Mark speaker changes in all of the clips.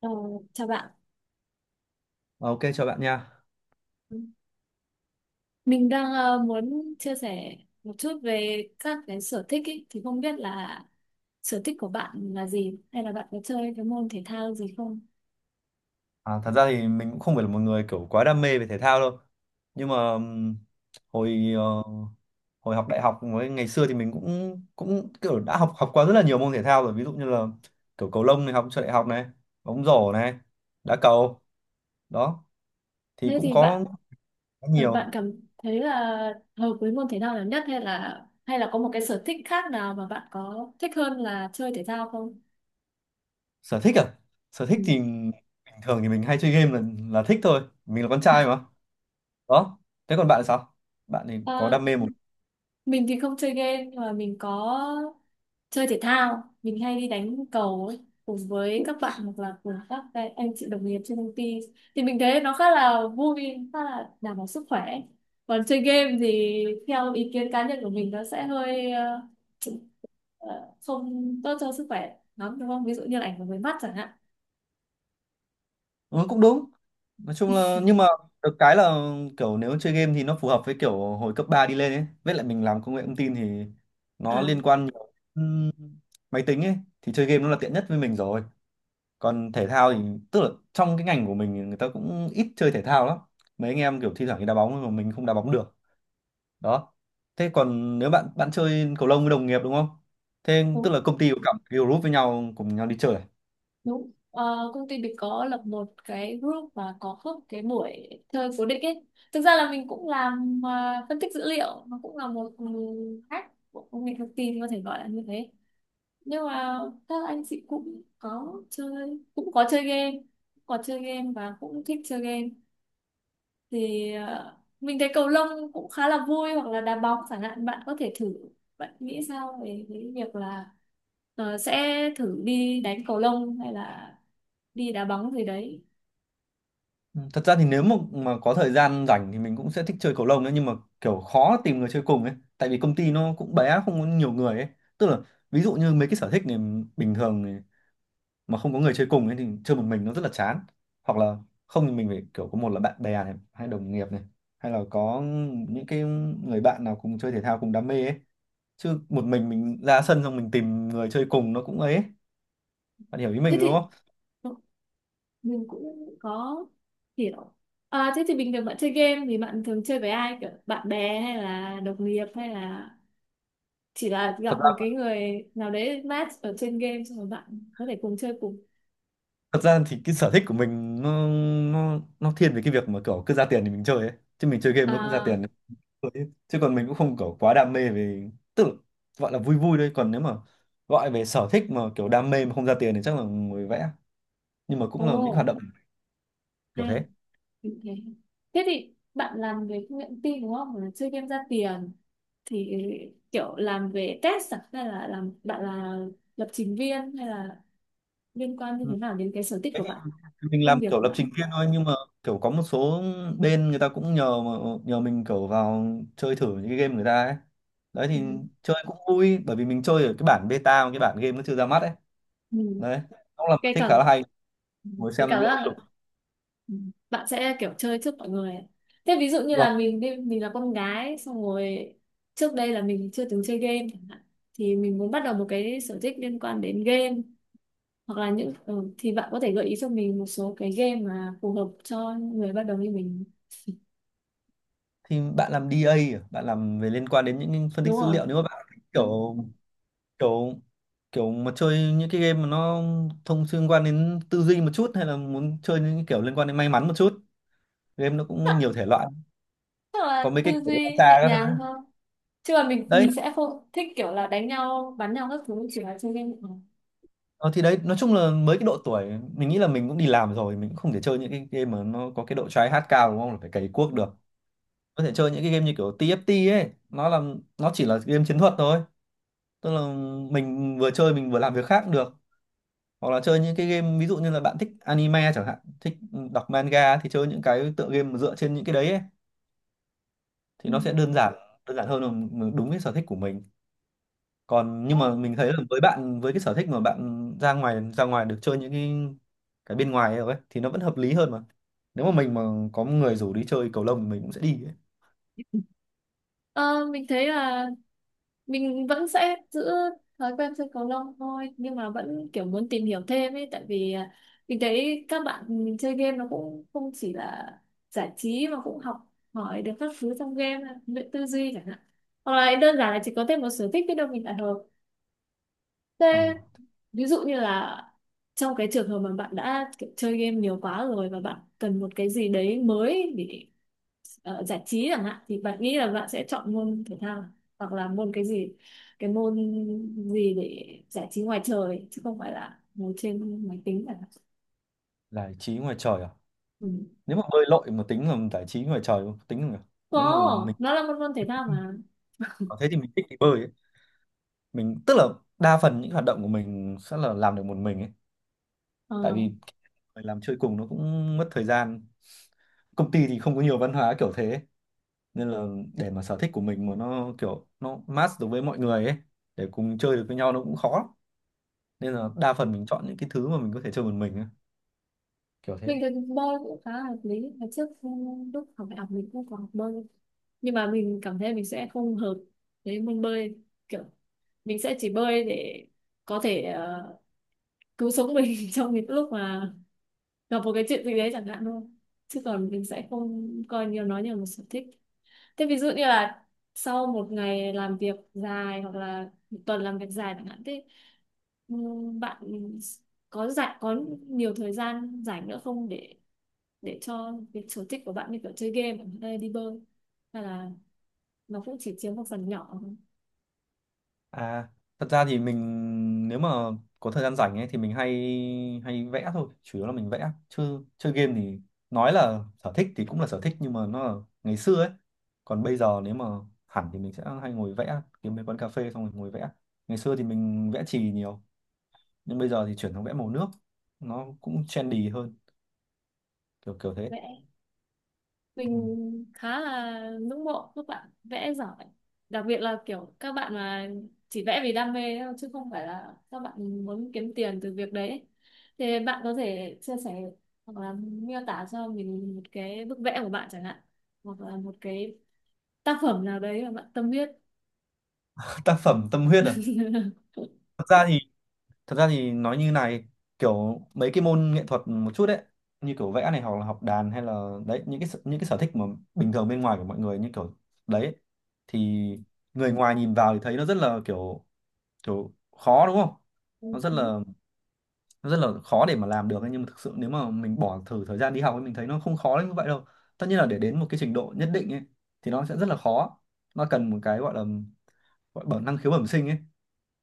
Speaker 1: Ờ, chào bạn.
Speaker 2: Ok chào bạn nha.
Speaker 1: Mình đang muốn chia sẻ một chút về các cái sở thích ý. Thì không biết là sở thích của bạn là gì hay là bạn có chơi cái môn thể thao gì không?
Speaker 2: À, thật ra thì mình cũng không phải là một người kiểu quá đam mê về thể thao đâu. Nhưng mà hồi ờ, hồi học đại học với ngày xưa thì mình cũng cũng kiểu đã học học qua rất là nhiều môn thể thao rồi, ví dụ như là kiểu cầu lông này, học cho đại học này, bóng rổ này, đá cầu đó thì
Speaker 1: Thế
Speaker 2: cũng
Speaker 1: thì
Speaker 2: có
Speaker 1: bạn,
Speaker 2: khá nhiều.
Speaker 1: bạn cảm thấy là hợp với môn thể thao nào nhất hay là có một cái sở thích khác nào mà bạn có thích hơn là chơi thể thao không?
Speaker 2: Sở thích à? Sở thích
Speaker 1: Ừ.
Speaker 2: thì bình thường thì mình hay chơi game là thích thôi, mình là con trai mà. Đó. Thế còn bạn là sao? Bạn thì có
Speaker 1: À,
Speaker 2: đam mê một.
Speaker 1: mình thì không chơi game nhưng mà mình có chơi thể thao. Mình hay đi đánh cầu ấy, cùng với các bạn hoặc là cùng các cái anh chị đồng nghiệp trên công ty. Thì mình thấy nó khá là vui, khá là đảm bảo sức khỏe. Còn chơi game thì theo ý kiến cá nhân của mình nó sẽ hơi, ờ, không tốt cho sức khỏe lắm đúng không? Ví dụ như là ảnh hưởng với mắt chẳng hạn.
Speaker 2: Ừ, cũng đúng. Nói chung là, nhưng mà được cái là kiểu nếu chơi game thì nó phù hợp với kiểu hồi cấp 3 đi lên ấy. Với lại mình làm công nghệ thông tin thì nó
Speaker 1: À,
Speaker 2: liên quan nhiều đến máy tính ấy, thì chơi game nó là tiện nhất với mình rồi. Còn thể thao thì tức là trong cái ngành của mình thì người ta cũng ít chơi thể thao lắm. Mấy anh em kiểu thi thoảng đi đá bóng nhưng mà mình không đá bóng được. Đó. Thế còn nếu bạn bạn chơi cầu lông với đồng nghiệp đúng không? Thế tức là công ty có cả một cái group với nhau cùng nhau đi chơi à?
Speaker 1: đúng. Ờ, Công ty mình có lập một cái group và có host cái buổi chơi cố định ấy. Thực ra là mình cũng làm, phân tích dữ liệu, nó cũng là một, hack của công nghệ thông tin có thể gọi là như thế. Nhưng mà các anh chị cũng có chơi game và cũng thích chơi game thì, mình thấy cầu lông cũng khá là vui hoặc là đá bóng chẳng hạn, bạn có thể thử. Bạn nghĩ sao về cái việc là, sẽ thử đi đánh cầu lông hay là đi đá bóng gì đấy?
Speaker 2: Ừ, thật ra thì nếu mà có thời gian rảnh thì mình cũng sẽ thích chơi cầu lông đấy, nhưng mà kiểu khó tìm người chơi cùng ấy, tại vì công ty nó cũng bé, không có nhiều người ấy, tức là ví dụ như mấy cái sở thích này bình thường này, mà không có người chơi cùng ấy thì chơi một mình nó rất là chán, hoặc là không thì mình phải kiểu có một là bạn bè này, hay đồng nghiệp này, hay là có những cái người bạn nào cùng chơi thể thao cùng đam mê ấy, chứ một mình ra sân xong mình tìm người chơi cùng nó cũng ấy, bạn hiểu ý
Speaker 1: Thế
Speaker 2: mình đúng
Speaker 1: thì,
Speaker 2: không?
Speaker 1: ừ, mình cũng có hiểu. À, thế thì bình thường bạn chơi game thì bạn thường chơi với ai, kiểu bạn bè hay là đồng nghiệp, hay là chỉ là
Speaker 2: thật
Speaker 1: gặp một cái người nào đấy match ở trên game xong rồi bạn có thể cùng chơi cùng?
Speaker 2: thật ra thì cái sở thích của mình nó thiên về cái việc mà kiểu cứ ra tiền thì mình chơi ấy, chứ mình chơi game nó cũng ra
Speaker 1: À,
Speaker 2: tiền. Chơi ấy. Chứ còn mình cũng không kiểu quá đam mê, về tức là gọi là vui vui thôi, còn nếu mà gọi về sở thích mà kiểu đam mê mà không ra tiền thì chắc là ngồi vẽ, nhưng mà
Speaker 1: ồ,
Speaker 2: cũng là những
Speaker 1: oh,
Speaker 2: hoạt động kiểu thế.
Speaker 1: ok. Thế thì bạn làm về công nghệ thông tin đúng không? Là chơi game ra tiền thì kiểu làm về test à? Hay là làm, bạn là lập trình viên hay là liên quan như
Speaker 2: Ừ.
Speaker 1: thế nào đến cái sở thích của bạn,
Speaker 2: Mình
Speaker 1: công
Speaker 2: làm
Speaker 1: việc
Speaker 2: kiểu
Speaker 1: của
Speaker 2: lập trình
Speaker 1: bạn?
Speaker 2: viên thôi, nhưng mà kiểu có một số bên người ta cũng nhờ mình kiểu vào chơi thử những cái game người ta ấy, đấy
Speaker 1: Ừ.
Speaker 2: thì chơi cũng vui bởi vì mình chơi ở cái bản beta mà cái bản game nó chưa ra mắt ấy,
Speaker 1: Ừ.
Speaker 2: đấy cũng là một
Speaker 1: Gây
Speaker 2: thích khá
Speaker 1: cẩn
Speaker 2: là hay, ngồi
Speaker 1: cái
Speaker 2: xem làm
Speaker 1: cảm giác
Speaker 2: lỗi lục.
Speaker 1: là, ừ, bạn sẽ kiểu chơi trước mọi người. Thế ví dụ như
Speaker 2: Vâng.
Speaker 1: là mình đi, mình là con gái xong rồi trước đây là mình chưa từng chơi game chẳng hạn, thì mình muốn bắt đầu một cái sở thích liên quan đến game hoặc là những, thì bạn có thể gợi ý cho mình một số cái game mà phù hợp cho người bắt đầu như mình.
Speaker 2: Thì bạn làm DA à? Bạn làm về liên quan đến những phân tích
Speaker 1: Đúng
Speaker 2: dữ
Speaker 1: rồi.
Speaker 2: liệu, nếu mà bạn thích
Speaker 1: Vâng.
Speaker 2: kiểu kiểu kiểu mà chơi những cái game mà nó thông liên quan đến tư duy một chút, hay là muốn chơi những cái kiểu liên quan đến may mắn một chút, game nó cũng nhiều thể loại,
Speaker 1: Chắc là
Speaker 2: có mấy
Speaker 1: tư
Speaker 2: cái kiểu
Speaker 1: duy
Speaker 2: xa
Speaker 1: nhẹ
Speaker 2: các thứ.
Speaker 1: nhàng thôi chứ là mình
Speaker 2: Đấy,
Speaker 1: mình sẽ không thích kiểu là đánh nhau bắn nhau các thứ, chỉ là chơi game.
Speaker 2: ờ, thì đấy nói chung là mới cái độ tuổi mình nghĩ là mình cũng đi làm rồi, mình cũng không thể chơi những cái game mà nó có cái độ try hard cao đúng không, là phải cày cuốc được. Có thể chơi những cái game như kiểu TFT ấy, nó là nó chỉ là game chiến thuật thôi, tức là mình vừa chơi mình vừa làm việc khác cũng được, hoặc là chơi những cái game ví dụ như là bạn thích anime chẳng hạn, thích đọc manga, thì chơi những cái tựa game mà dựa trên những cái đấy ấy. Thì nó sẽ đơn giản hơn, là m- đúng cái sở thích của mình. Còn
Speaker 1: Ừ.
Speaker 2: nhưng mà mình thấy là với bạn, với cái sở thích mà bạn ra ngoài được chơi những cái bên ngoài ấy thì nó vẫn hợp lý hơn mà, nếu mà mình có người rủ đi chơi cầu lông thì mình cũng sẽ đi ấy.
Speaker 1: Ờ, mình thấy là mình vẫn sẽ giữ thói quen chơi cầu lông thôi nhưng mà vẫn kiểu muốn tìm hiểu thêm ấy, tại vì, mình thấy các bạn mình chơi game nó cũng không chỉ là giải trí mà cũng học hỏi được các thứ trong game, luyện tư duy chẳng hạn, hoặc là đơn giản là chỉ có thêm một sở thích biết đâu mình lại hợp.
Speaker 2: Ờ,
Speaker 1: Thế ví dụ như là trong cái trường hợp mà bạn đã kiểu chơi game nhiều quá rồi và bạn cần một cái gì đấy mới để, giải trí chẳng hạn, thì bạn nghĩ là bạn sẽ chọn môn thể thao hoặc là môn cái gì, cái môn gì để giải trí ngoài trời chứ không phải là ngồi trên máy tính chẳng hạn.
Speaker 2: giải trí ngoài trời à.
Speaker 1: Ừ.
Speaker 2: Nếu mà bơi lội mà tính là giải trí ngoài trời không? Tính không nhỉ? Nếu mà
Speaker 1: Có,
Speaker 2: mình
Speaker 1: nó là một môn thể thao mà.
Speaker 2: có thế thì mình thích đi bơi ấy. Mình tức là đa phần những hoạt động của mình sẽ là làm được một mình ấy,
Speaker 1: Ờ.
Speaker 2: tại vì phải làm chơi cùng nó cũng mất thời gian, công ty thì không có nhiều văn hóa kiểu thế ấy. Nên là để mà sở thích của mình mà nó kiểu nó match được với mọi người ấy để cùng chơi được với nhau nó cũng khó, nên là đa phần mình chọn những cái thứ mà mình có thể chơi một mình ấy. Kiểu thế.
Speaker 1: Mình thấy bơi cũng khá là hợp lý. Hồi trước, lúc học đại học mình cũng có học bơi nhưng mà mình cảm thấy mình sẽ không hợp với môn bơi, kiểu mình sẽ chỉ bơi để có thể, cứu sống mình trong những lúc mà gặp một cái chuyện gì đấy chẳng hạn thôi, chứ còn mình sẽ không coi nhiều nó như là một sở thích. Thế ví dụ như là sau một ngày làm việc dài hoặc là một tuần làm việc dài chẳng hạn, thế bạn có rảnh, có nhiều thời gian rảnh nữa không để cho việc sở thích của bạn như kiểu chơi game hay đi bơi, hay là nó cũng chỉ chiếm một phần nhỏ thôi?
Speaker 2: À, thật ra thì mình, nếu mà có thời gian rảnh ấy thì mình hay hay vẽ thôi, chủ yếu là mình vẽ. Chứ chơi game thì nói là sở thích thì cũng là sở thích, nhưng mà nó là ngày xưa ấy. Còn bây giờ nếu mà hẳn thì mình sẽ hay ngồi vẽ, kiếm mấy quán cà phê xong rồi ngồi vẽ. Ngày xưa thì mình vẽ chì nhiều, nhưng bây giờ thì chuyển sang vẽ màu nước, nó cũng trendy hơn, kiểu kiểu thế.
Speaker 1: Vẽ.
Speaker 2: Ừ.
Speaker 1: Mình khá là ngưỡng mộ các bạn vẽ giỏi, đặc biệt là kiểu các bạn mà chỉ vẽ vì đam mê thôi, chứ không phải là các bạn muốn kiếm tiền từ việc đấy. Thì bạn có thể chia sẻ hoặc là miêu tả cho mình một cái bức vẽ của bạn chẳng hạn, hoặc là một cái tác phẩm nào đấy mà bạn tâm huyết.
Speaker 2: Tác phẩm tâm huyết à? Thật ra thì thật ra thì nói như này, kiểu mấy cái môn nghệ thuật một chút đấy, như kiểu vẽ này hoặc là học đàn hay là đấy, những cái những cái sở thích mà bình thường bên ngoài của mọi người như kiểu đấy, thì người ngoài nhìn vào thì thấy nó rất là kiểu kiểu khó đúng không, nó rất
Speaker 1: Ừ.
Speaker 2: là nó rất là khó để mà làm được ấy. Nhưng mà thực sự nếu mà mình bỏ thử thời gian đi học ấy mình thấy nó không khó đến như vậy đâu, tất nhiên là để đến một cái trình độ nhất định ấy thì nó sẽ rất là khó, nó cần một cái gọi là bẩm năng khiếu bẩm sinh ấy,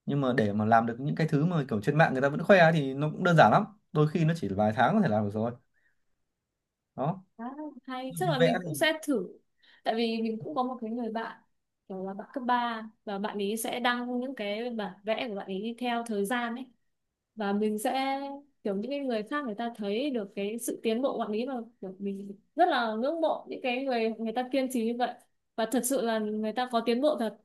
Speaker 2: nhưng mà để mà làm được những cái thứ mà kiểu trên mạng người ta vẫn khoe ấy thì nó cũng đơn giản lắm, đôi khi nó chỉ vài tháng có thể làm được rồi. Đó,
Speaker 1: À, hay
Speaker 2: ví dụ
Speaker 1: chắc
Speaker 2: như
Speaker 1: là
Speaker 2: vẽ
Speaker 1: mình cũng
Speaker 2: thì
Speaker 1: sẽ thử. Tại vì mình cũng có một cái người bạn kiểu là bạn cấp ba, và bạn ấy sẽ đăng những cái bản vẽ của bạn ấy theo thời gian ấy, và mình sẽ kiểu, những cái người khác người ta thấy được cái sự tiến bộ của bạn ấy, và kiểu mình rất là ngưỡng mộ những cái người người ta kiên trì như vậy, và thật sự là người ta có tiến bộ thật.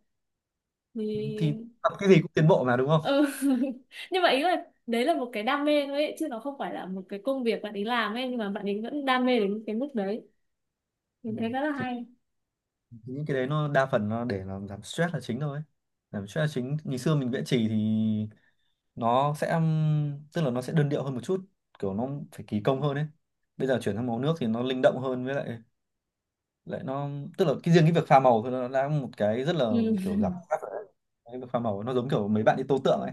Speaker 2: thì
Speaker 1: Thì
Speaker 2: tập cái gì cũng tiến bộ mà đúng không.
Speaker 1: ừ. Nhưng mà ý là đấy là một cái đam mê thôi ấy, chứ nó không phải là một cái công việc bạn ấy làm ấy, nhưng mà bạn ấy vẫn đam mê đến cái mức đấy.
Speaker 2: Ừ.
Speaker 1: Mình thấy rất là
Speaker 2: thì
Speaker 1: hay.
Speaker 2: thì những cái đấy nó đa phần nó để làm giảm stress là chính thôi, giảm stress là chính. Ngày xưa mình vẽ chì thì nó sẽ tức là nó sẽ đơn điệu hơn một chút, kiểu nó phải kỳ công hơn ấy, bây giờ chuyển sang màu nước thì nó linh động hơn, với lại lại nó tức là cái riêng cái việc pha màu thôi nó đã một cái rất là
Speaker 1: Ừ.
Speaker 2: kiểu giảm stress rồi. Cái việc pha màu nó giống kiểu mấy bạn đi tô tượng ấy,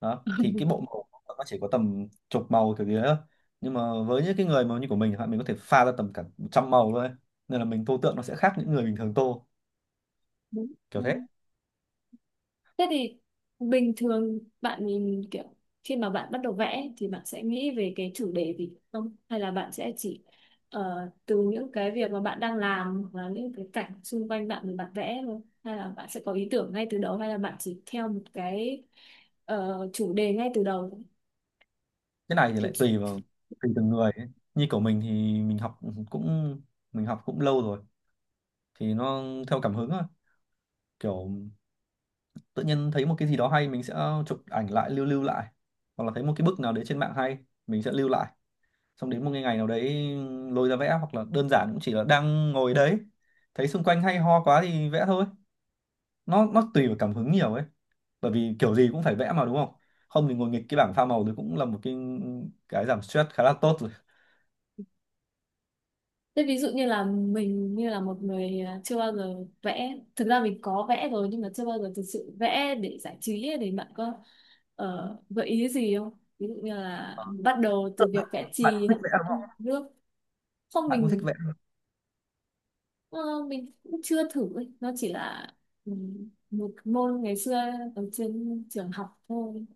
Speaker 2: đó thì cái bộ màu của nó chỉ có tầm chục màu kiểu gì đấy thôi, nhưng mà với những cái người mà như của mình chẳng hạn mình có thể pha ra tầm cả trăm màu thôi, nên là mình tô tượng nó sẽ khác những người bình thường tô.
Speaker 1: Đúng.
Speaker 2: Kiểu thế.
Speaker 1: Thế thì bình thường bạn nhìn kiểu khi mà bạn bắt đầu vẽ thì bạn sẽ nghĩ về cái chủ đề gì không? Hay là bạn sẽ chỉ, từ những cái việc mà bạn đang làm hoặc là những cái cảnh xung quanh bạn mà bạn vẽ thôi? Hay là bạn sẽ có ý tưởng ngay từ đầu, hay là bạn chỉ theo một cái, chủ đề ngay từ đầu?
Speaker 2: Cái này thì lại tùy từng người ấy. Như của mình thì mình học cũng mình học cũng lâu rồi, thì nó theo cảm hứng thôi, kiểu tự nhiên thấy một cái gì đó hay mình sẽ chụp ảnh lại, lưu lưu lại, hoặc là thấy một cái bức nào đấy trên mạng hay mình sẽ lưu lại, xong đến một cái ngày nào đấy lôi ra vẽ, hoặc là đơn giản cũng chỉ là đang ngồi đấy thấy xung quanh hay ho quá thì vẽ thôi. Nó tùy vào cảm hứng nhiều ấy, bởi vì kiểu gì cũng phải vẽ mà đúng không, không thì ngồi nghịch cái bảng pha màu thì cũng là một cái giảm stress khá là tốt rồi.
Speaker 1: Thế ví dụ như là mình như là một người, chưa bao giờ vẽ, thực ra mình có vẽ rồi nhưng mà chưa bao giờ thực sự vẽ để giải trí ấy, thì bạn có, gợi ý gì không? Ví dụ như là
Speaker 2: Ờ,
Speaker 1: bắt đầu từ việc vẽ
Speaker 2: bạn
Speaker 1: chì
Speaker 2: cũng
Speaker 1: hay
Speaker 2: thích vẽ đúng không?
Speaker 1: ăn nước. Không,
Speaker 2: Bạn cũng thích vẽ,
Speaker 1: ờ, mình cũng chưa thử ấy. Nó chỉ là, ừ, một môn ngày xưa ở trên trường học thôi.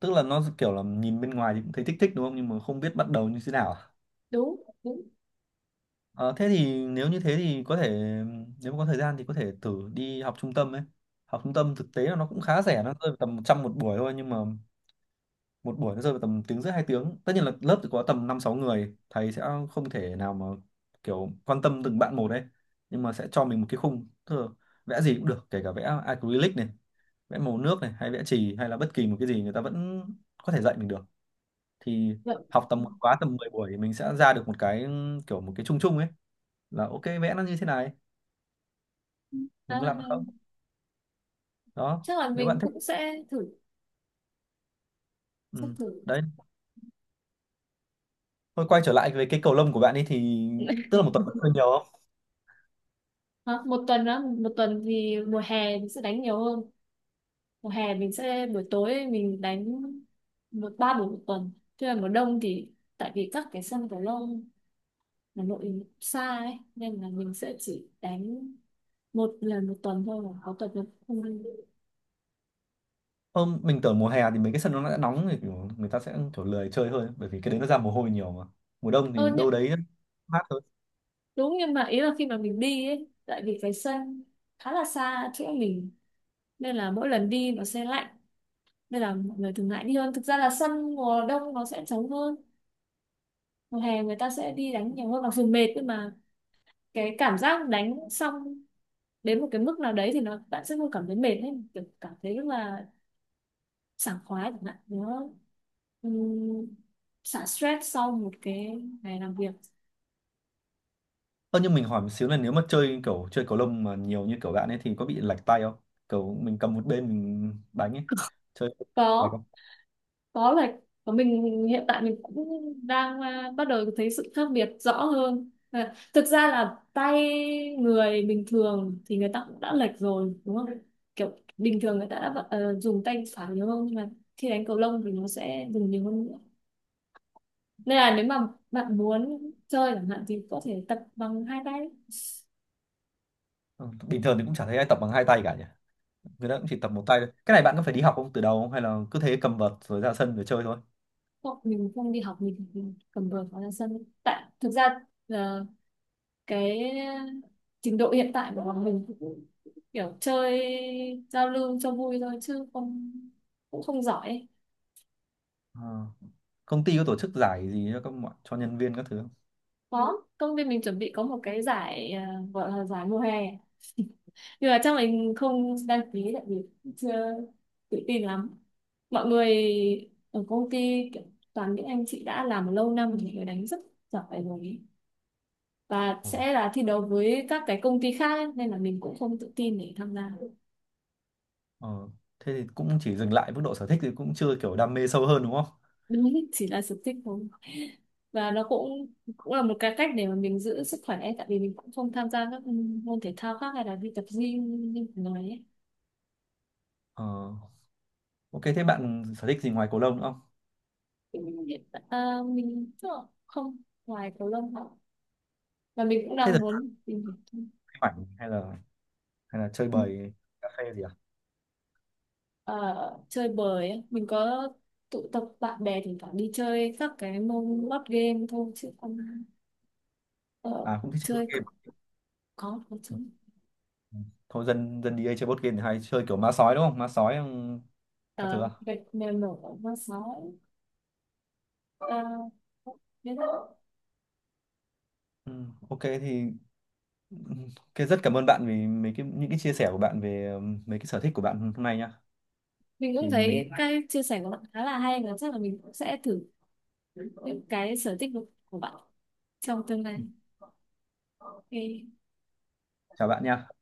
Speaker 2: tức là nó kiểu là nhìn bên ngoài thì cũng thấy thích thích đúng không, nhưng mà không biết bắt đầu như thế nào à?
Speaker 1: Đúng, đúng.
Speaker 2: Ờ, thế thì nếu như thế thì có thể, nếu mà có thời gian thì có thể thử đi học trung tâm ấy, học trung tâm thực tế là nó cũng
Speaker 1: Đúng.
Speaker 2: khá rẻ, nó rơi vào tầm 100 một buổi thôi, nhưng mà một buổi nó rơi vào tầm tiếng rưỡi 2 tiếng, tất nhiên là lớp thì có tầm năm sáu người, thầy sẽ không thể nào mà kiểu quan tâm từng bạn một đấy, nhưng mà sẽ cho mình một cái khung. Tức là vẽ gì cũng được, kể cả vẽ acrylic này, vẽ màu nước này, hay vẽ chì, hay là bất kỳ một cái gì người ta vẫn có thể dạy mình được, thì
Speaker 1: Vậy
Speaker 2: học tầm một khóa tầm 10 buổi thì mình sẽ ra được một cái kiểu một cái chung chung ấy, là ok vẽ nó như thế này mình
Speaker 1: khá
Speaker 2: có
Speaker 1: là
Speaker 2: làm được
Speaker 1: hay.
Speaker 2: không. Đó,
Speaker 1: Chắc là
Speaker 2: nếu bạn
Speaker 1: mình
Speaker 2: thích.
Speaker 1: cũng sẽ thử, sẽ
Speaker 2: Ừ.
Speaker 1: thử.
Speaker 2: Đấy, thôi quay trở lại về cái cầu lông của bạn ấy thì
Speaker 1: để
Speaker 2: tức là một tuần bạn chơi nhiều.
Speaker 1: Hả? Một tuần á, một tuần thì mùa hè mình sẽ đánh nhiều hơn. Mùa hè mình sẽ buổi tối mình đánh ba buổi một tuần. Thế là mùa đông thì tại vì các cái sân cầu lông Hà Nội xa ấy, nên là mình sẽ chỉ đánh một lần một tuần thôi, mà có tuần mình không đi.
Speaker 2: Ờ, mình tưởng mùa hè thì mấy cái sân nó đã nóng thì kiểu người ta sẽ kiểu lười chơi hơn bởi vì cái đấy nó ra mồ hôi nhiều mà, mùa đông
Speaker 1: Ờ,
Speaker 2: thì
Speaker 1: nhưng,
Speaker 2: đâu đấy mát hơn.
Speaker 1: đúng, nhưng mà ý là khi mà mình đi ấy, tại vì cái sân khá là xa chỗ mình, nên là mỗi lần đi nó sẽ lạnh, nên là mọi người thường ngại đi hơn. Thực ra là sân mùa đông nó sẽ trống hơn, mùa hè người ta sẽ đi đánh nhiều hơn mặc dù mệt, nhưng mà cái cảm giác đánh xong đến một cái mức nào đấy thì nó, bạn sẽ không cảm thấy mệt ấy, kiểu cảm thấy rất là sảng khoái chẳng hạn, nó ừm, xả stress sau một cái ngày làm việc.
Speaker 2: Ơ nhưng mình hỏi một xíu, là nếu mà chơi kiểu chơi cầu lông mà nhiều như kiểu bạn ấy thì có bị lệch tay không, kiểu mình cầm một bên mình đánh ấy, chơi lệch
Speaker 1: Có.
Speaker 2: không?
Speaker 1: Có, là của mình hiện tại mình cũng đang, bắt đầu thấy sự khác biệt rõ hơn. Thực ra là tay người bình thường thì người ta cũng đã lệch rồi đúng không, kiểu bình thường người ta đã, dùng tay phải nhiều hơn, nhưng mà khi đánh cầu lông thì nó sẽ dùng nhiều hơn nữa, nên là nếu mà bạn muốn chơi chẳng hạn thì có thể tập bằng hai tay.
Speaker 2: Ờ, bình thường thì cũng chả thấy ai tập bằng hai tay cả nhỉ, người ta cũng chỉ tập một tay thôi. Cái này bạn có phải đi học không từ đầu không, hay là cứ thế cầm vợt rồi ra sân rồi chơi thôi?
Speaker 1: Không, mình không đi học, mình chỉ cầm vợt vào ra sân. Tại thực ra, ờ, cái trình độ hiện tại của bọn mình cũng kiểu chơi giao lưu cho vui thôi chứ không, cũng không giỏi ấy.
Speaker 2: Ờ. Công ty có tổ chức giải gì cho các mọi- cho nhân viên các thứ không?
Speaker 1: Có, công ty mình chuẩn bị có một cái giải, gọi là giải mùa hè, nhưng mà chắc mình không đăng ký, tại vì chưa tự tin lắm. Mọi người ở công ty kiểu toàn những anh chị đã làm lâu năm thì người đánh rất giỏi rồi ấy. Và
Speaker 2: Ờ.
Speaker 1: sẽ là thi đấu với các cái công ty khác ấy, nên là mình cũng không tự tin để tham gia.
Speaker 2: Ờ, thế thì cũng chỉ dừng lại mức độ sở thích thì cũng chưa kiểu đam mê sâu hơn đúng không?
Speaker 1: Đúng, chỉ là sở thích thôi, và nó cũng cũng là một cái cách để mà mình giữ sức khỏe, tại vì mình cũng không tham gia các, môn thể thao khác hay là đi tập gym như mình nói ấy.
Speaker 2: Ờ, ok thế bạn sở thích gì ngoài cầu lông nữa không?
Speaker 1: Thì mình mình chắc là không, ngoài cầu lông thôi, và mình cũng
Speaker 2: Thế là
Speaker 1: đang muốn tìm
Speaker 2: chơi ảnh hay là chơi
Speaker 1: hiểu,
Speaker 2: bời cà phê gì à?
Speaker 1: ờ, chơi bời ấy. Mình có tụ tập bạn bè thỉnh thoảng đi chơi các cái môn board game thôi chứ không, ờ,
Speaker 2: À cũng thích chơi board
Speaker 1: chơi có.
Speaker 2: game. À?
Speaker 1: Có
Speaker 2: Ừ,
Speaker 1: chơi.
Speaker 2: ừ. Thôi dân dân đi đây chơi board game thì hay chơi kiểu ma sói đúng không? Ma sói các thứ à?
Speaker 1: Gạch mèo nổ con sói. uh,
Speaker 2: Ừ, ok thì ừm, ok rất cảm ơn bạn vì mấy cái những cái chia sẻ của bạn về mấy cái sở thích của bạn hôm nay nhá.
Speaker 1: mình
Speaker 2: Thì
Speaker 1: cũng
Speaker 2: mình
Speaker 1: thấy cái chia sẻ của bạn khá là hay, và chắc là mình cũng sẽ thử những cái sở thích của bạn trong tương
Speaker 2: ừ,
Speaker 1: lai. Ok.
Speaker 2: chào bạn nha.